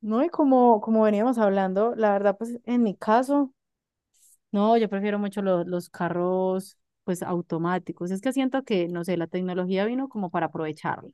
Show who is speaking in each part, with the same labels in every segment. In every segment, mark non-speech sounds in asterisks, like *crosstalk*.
Speaker 1: No, y como veníamos hablando, la verdad, pues en mi caso, no, yo prefiero mucho los carros, pues automáticos. Es que siento que, no sé, la tecnología vino como para aprovecharla.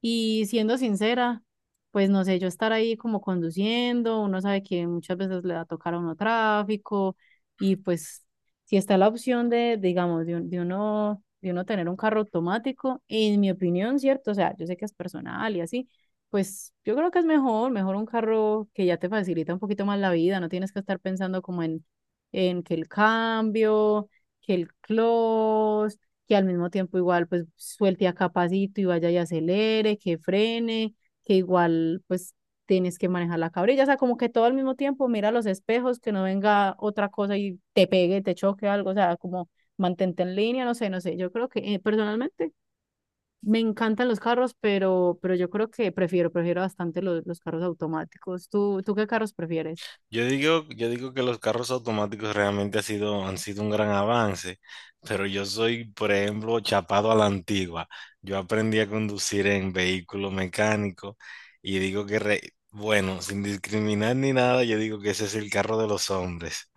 Speaker 1: Y siendo sincera, pues no sé, yo estar ahí como conduciendo, uno sabe que muchas veces le va a tocar a uno tráfico y pues si está la opción de, digamos, de uno tener un carro automático, en mi opinión, cierto, o sea, yo sé que es personal y así, pues yo creo que es mejor, mejor un carro que ya te facilita un poquito más la vida, no tienes que estar pensando como en que el cambio, que el close que al mismo tiempo igual pues suelte a capacito y vaya y acelere, que frene, que igual pues tienes que manejar la cabrilla, o sea, como que todo al mismo tiempo mira los espejos, que no venga otra cosa y te pegue, te choque algo, o sea, como mantente en línea, no sé, no sé, yo creo que personalmente me encantan los carros, pero yo creo que prefiero, prefiero bastante los carros automáticos. ¿Tú qué carros prefieres?
Speaker 2: Yo digo que los carros automáticos realmente han sido un gran avance, pero yo soy, por ejemplo, chapado a la antigua. Yo aprendí a conducir en vehículo mecánico y digo que, bueno, sin discriminar ni nada, yo digo que ese es el carro de los hombres.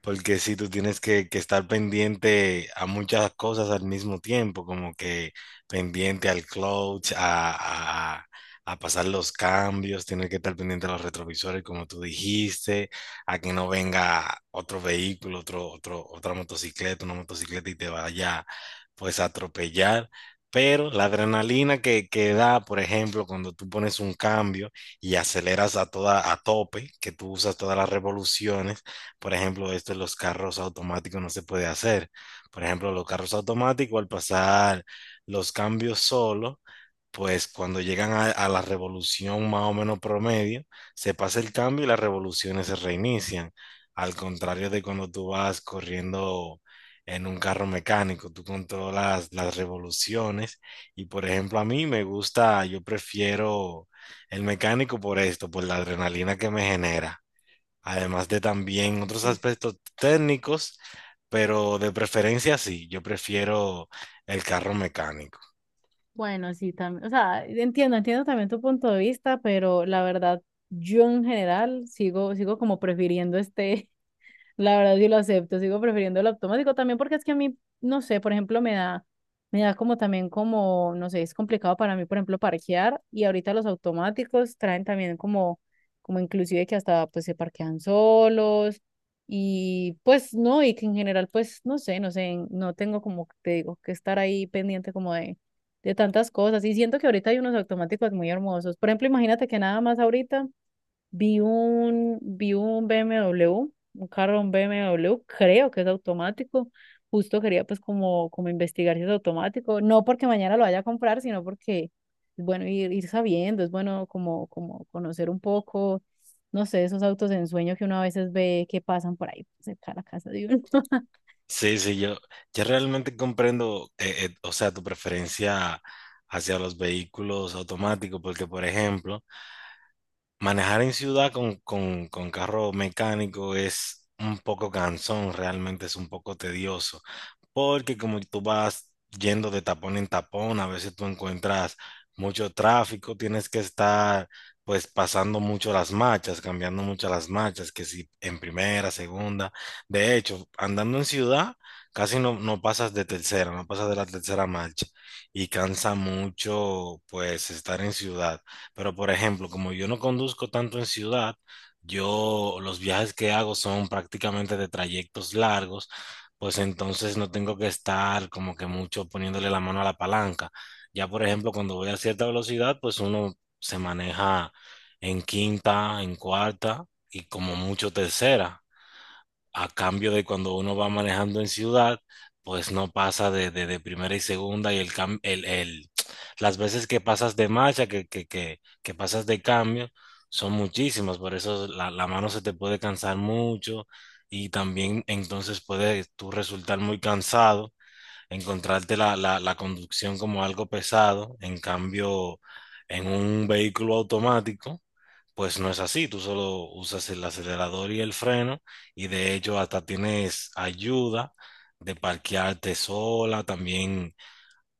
Speaker 2: Porque si tú tienes que estar pendiente a muchas cosas al mismo tiempo, como que pendiente al clutch, a pasar los cambios, tienes que estar pendiente a los retrovisores, como tú dijiste, a que no venga otro vehículo, otra motocicleta, una motocicleta y te vaya pues a atropellar. Pero la adrenalina que da, por ejemplo, cuando tú pones un cambio y aceleras a a tope, que tú usas todas las revoluciones, por ejemplo, esto en los carros automáticos no se puede hacer. Por ejemplo, los carros automáticos al pasar los cambios solo, pues cuando llegan a la revolución más o menos promedio, se pasa el cambio y las revoluciones se reinician. Al contrario de cuando tú vas corriendo en un carro mecánico, tú controlas las revoluciones y, por ejemplo, a mí me gusta, yo prefiero el mecánico por esto, por la adrenalina que me genera, además de
Speaker 1: Ah,
Speaker 2: también otros
Speaker 1: sí, es.
Speaker 2: aspectos técnicos, pero de preferencia sí, yo prefiero el carro mecánico.
Speaker 1: Bueno, sí, también, o sea, entiendo, entiendo también tu punto de vista, pero la verdad, yo en general sigo, sigo como prefiriendo este, la verdad sí lo acepto, sigo prefiriendo el automático también porque es que a mí, no sé, por ejemplo, me da como también como, no sé, es complicado para mí, por ejemplo, parquear y ahorita los automáticos traen también como, como inclusive que hasta pues se parquean solos y pues no, y que en general pues no sé, no sé, no tengo como, te digo, que estar ahí pendiente como de tantas cosas y siento que ahorita hay unos automáticos muy hermosos. Por ejemplo, imagínate que nada más ahorita. Vi un BMW, un carro, un BMW, creo que es automático. Justo quería pues como, como investigar si es automático. No porque mañana lo vaya a comprar, sino porque es bueno ir, ir sabiendo, es bueno como, como conocer un poco, no sé, esos autos de ensueño que uno a veces ve que pasan por ahí pues, cerca de la casa de uno. *laughs*
Speaker 2: Sí, sí, yo realmente comprendo, o sea, tu preferencia hacia los vehículos automáticos, porque, por ejemplo, manejar en ciudad con carro mecánico es un poco cansón, realmente es un poco tedioso, porque como tú vas yendo de tapón en tapón, a veces tú encuentras mucho tráfico, tienes que estar pues pasando mucho las marchas, cambiando mucho las marchas, que si en primera, segunda, de hecho, andando en ciudad casi no pasas de tercera, no pasas de la tercera marcha y cansa mucho pues estar en ciudad. Pero, por ejemplo, como yo no conduzco tanto en ciudad, yo los viajes que hago son prácticamente de trayectos largos, pues entonces no tengo que estar como que mucho poniéndole la mano a la palanca. Ya, por ejemplo, cuando voy a cierta velocidad, pues uno se maneja en quinta, en cuarta y como mucho tercera, a cambio de cuando uno va manejando en ciudad, pues no pasa de primera y segunda y el, cam- el- las veces que pasas de marcha, que pasas de cambio, son muchísimas, por eso la mano se te puede cansar mucho y también entonces puedes tú resultar muy cansado, encontrarte la conducción como algo pesado, en cambio, en un vehículo automático, pues no es así, tú solo usas el acelerador y el freno y de hecho hasta tienes ayuda de parquearte sola, también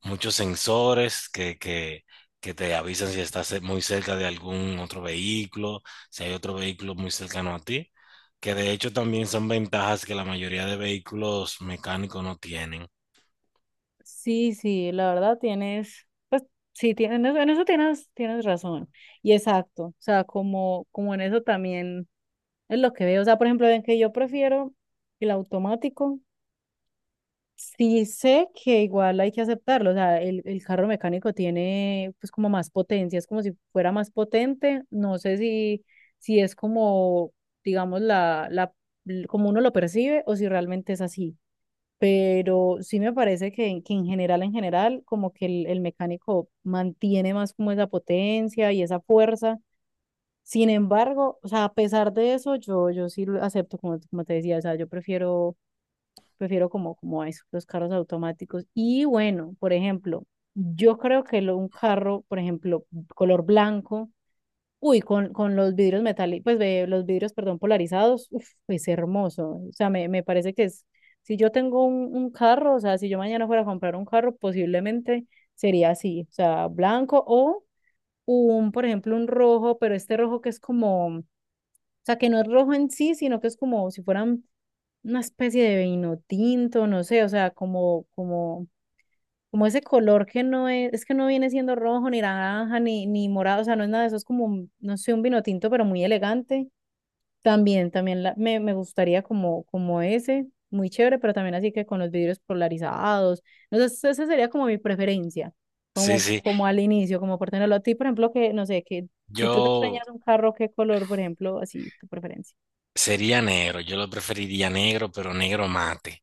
Speaker 2: muchos sensores que te avisan si estás muy cerca de algún otro vehículo, si hay otro vehículo muy cercano a ti, que de hecho también son ventajas que la mayoría de vehículos mecánicos no tienen.
Speaker 1: Sí, sí, la verdad tienes, pues sí, tienes, en eso tienes, tienes razón. Y exacto, o sea, como, como en eso también. Es lo que veo. O sea, por ejemplo, ven que yo prefiero el automático. Sí sé que igual hay que aceptarlo. O sea, el carro mecánico tiene pues como más potencia, es como si fuera más potente. No sé si, si es como, digamos, como uno lo percibe o si realmente es así. Pero sí me parece que en general, como que el mecánico mantiene más como esa potencia y esa fuerza. Sin embargo, o sea, a pesar de eso, yo sí lo acepto, como, como te decía, o sea, yo prefiero, prefiero como, como a eso, los carros automáticos. Y bueno, por ejemplo, yo creo que un carro, por ejemplo, color blanco, uy, con los vidrios metálicos, pues ve, los vidrios, perdón, polarizados, uf, es hermoso. O sea, me parece que es, si yo tengo un carro, o sea, si yo mañana fuera a comprar un carro, posiblemente sería así, o sea, blanco o un, por ejemplo, un rojo, pero este rojo que es como, o sea, que no es rojo en sí, sino que es como si fueran una especie de vino tinto, no sé, o sea, como ese color que no es, es que no viene siendo rojo, ni naranja, ni morado, o sea, no es nada de eso, es como, no sé, un vino tinto, pero muy elegante. También, también me gustaría como, como ese, muy chévere, pero también así que con los vidrios polarizados. Entonces, esa sería como mi preferencia,
Speaker 2: Sí,
Speaker 1: como,
Speaker 2: sí.
Speaker 1: como al inicio, como por tenerlo a ti, por ejemplo, que, no sé, que si tú te
Speaker 2: Yo
Speaker 1: sueñas un carro, ¿qué color, por ejemplo, así, tu preferencia?
Speaker 2: sería negro, yo lo preferiría negro, pero negro mate.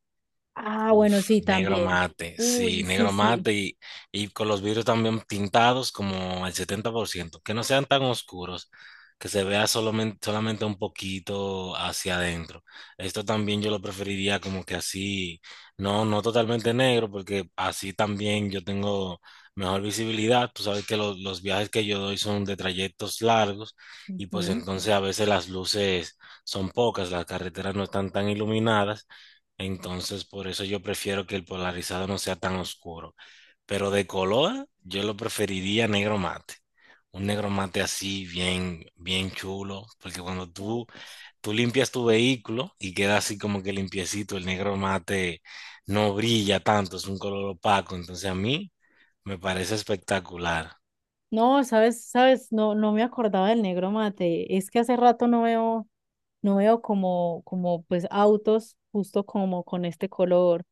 Speaker 1: Ah,
Speaker 2: Uf,
Speaker 1: bueno, sí,
Speaker 2: negro
Speaker 1: también.
Speaker 2: mate, sí,
Speaker 1: Uy, sí,
Speaker 2: negro
Speaker 1: sí.
Speaker 2: mate y con los vidrios también pintados como al 70%, que no sean tan oscuros, que se vea solamente, solamente un poquito hacia adentro. Esto también yo lo preferiría como que así, no totalmente negro, porque así también yo tengo mejor visibilidad. Tú sabes que los viajes que yo doy son de trayectos largos y pues
Speaker 1: Ujú.
Speaker 2: entonces a veces las luces son pocas, las carreteras no están tan iluminadas. Entonces, por eso yo prefiero que el polarizado no sea tan oscuro. Pero de color, yo lo preferiría negro mate. Un negro mate así, bien, bien chulo. Porque cuando
Speaker 1: U-.
Speaker 2: tú limpias tu vehículo y queda así como que limpiecito, el negro mate no brilla tanto, es un color opaco. Entonces, a mí me parece espectacular.
Speaker 1: No, sabes, sabes, no, no me acordaba del negro mate. Es que hace rato no veo, no veo como, como pues autos justo como con este color.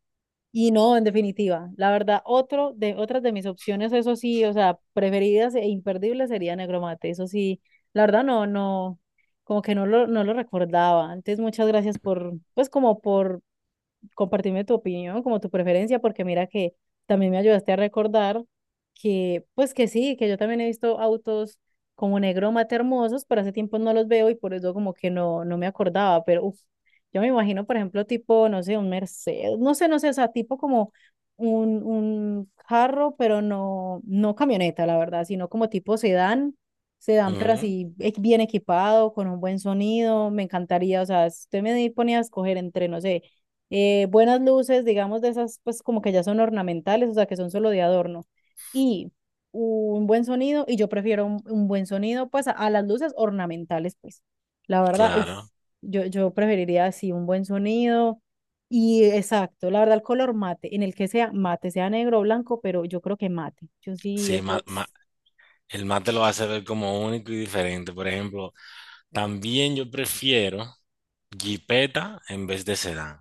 Speaker 1: Y no, en definitiva, la verdad, otro de, otras de mis opciones, eso sí, o sea, preferidas e imperdibles sería negro mate. Eso sí, la verdad no, no, como que no lo, no lo recordaba. Antes, muchas gracias por, pues como por compartirme tu opinión, como tu preferencia, porque mira que también me ayudaste a recordar que, pues que sí, que yo también he visto autos como negro mate hermosos, pero hace tiempo no los veo y por eso como que no, no me acordaba, pero uf, yo me imagino, por ejemplo, tipo, no sé, un Mercedes, no sé, no sé, o sea, tipo como un carro, pero no, no camioneta, la verdad, sino como tipo sedán, sedán, pero
Speaker 2: Ujú,
Speaker 1: así bien equipado, con un buen sonido, me encantaría, o sea, si usted me ponía a escoger entre, no sé, buenas luces, digamos, de esas, pues como que ya son ornamentales, o sea, que son solo de adorno, y un buen sonido, y yo prefiero un buen sonido, pues, a las luces ornamentales, pues, la verdad, uff,
Speaker 2: claro.
Speaker 1: yo preferiría así un buen sonido, y exacto, la verdad, el color mate, en el que sea mate, sea negro o blanco, pero yo creo que mate, yo sí,
Speaker 2: Sí,
Speaker 1: eso,
Speaker 2: el mate lo hace ver como único y diferente. Por ejemplo, también yo prefiero jeepeta en vez de sedán.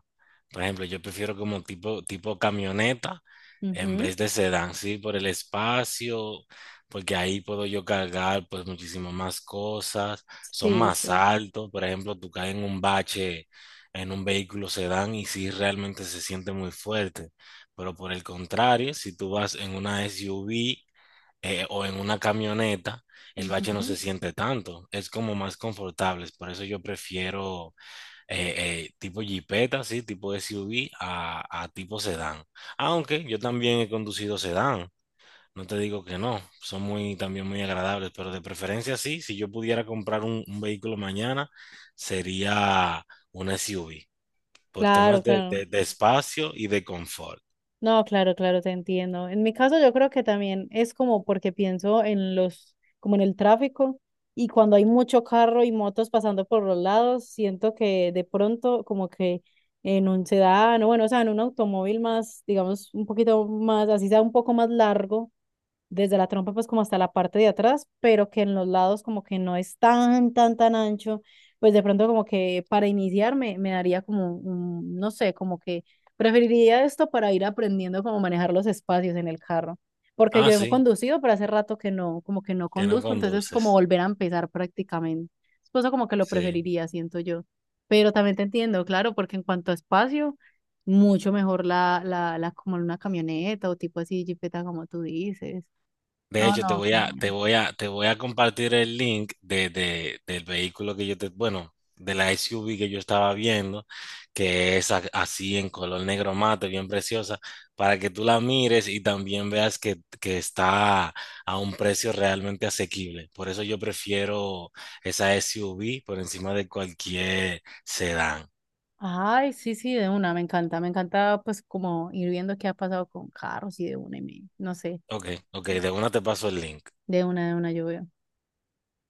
Speaker 2: Por ejemplo, yo prefiero como tipo camioneta en
Speaker 1: ujú.
Speaker 2: vez de sedán, sí, por el espacio, porque ahí puedo yo cargar pues muchísimas más cosas, son
Speaker 1: Sí, sí,
Speaker 2: más altos, por ejemplo, tú caes en un bache en un vehículo sedán y sí realmente se siente muy fuerte, pero por el contrario, si tú vas en una SUV, o en una camioneta, el bache no
Speaker 1: ujú.
Speaker 2: se siente tanto, es como más confortable, por eso yo prefiero tipo jipeta, sí, tipo SUV a tipo sedán. Aunque yo también he conducido sedán, no te digo que no, son muy, también muy agradables, pero de preferencia sí, si yo pudiera comprar un vehículo mañana, sería una SUV, por
Speaker 1: Claro,
Speaker 2: temas
Speaker 1: claro.
Speaker 2: de espacio y de confort.
Speaker 1: No, claro, claro, te entiendo. En mi caso yo creo que también es como porque pienso en los, como en el tráfico y cuando hay mucho carro y motos pasando por los lados, siento que de pronto como que en un sedán o bueno, o sea, en un automóvil más, digamos, un poquito más, así sea un poco más largo, desde la trompa pues como hasta la parte de atrás, pero que en los lados como que no es tan ancho, pues de pronto como que para iniciar me, me daría como, un, no sé, como que preferiría esto para ir aprendiendo cómo manejar los espacios en el carro, porque
Speaker 2: Ah,
Speaker 1: yo he
Speaker 2: sí,
Speaker 1: conducido, pero hace rato que no, como que no
Speaker 2: que no
Speaker 1: conduzco, entonces es como
Speaker 2: conduces,
Speaker 1: volver a empezar prácticamente. Pues como que lo
Speaker 2: sí.
Speaker 1: preferiría, siento yo. Pero también te entiendo, claro, porque en cuanto a espacio mucho mejor la como una camioneta o tipo así, jipeta como tú dices.
Speaker 2: De
Speaker 1: No,
Speaker 2: hecho,
Speaker 1: no, qué genial.
Speaker 2: te voy a compartir el link del vehículo que yo te, bueno, de la SUV que yo estaba viendo, que es así en color negro mate, bien preciosa, para que tú la mires y también veas que está a un precio realmente asequible. Por eso yo prefiero esa SUV por encima de cualquier sedán.
Speaker 1: Ay, sí, sí, de una, me encanta pues como ir viendo qué ha pasado con carros y de una y me, no sé,
Speaker 2: Ok, ok, de una te paso el link.
Speaker 1: de una, yo veo.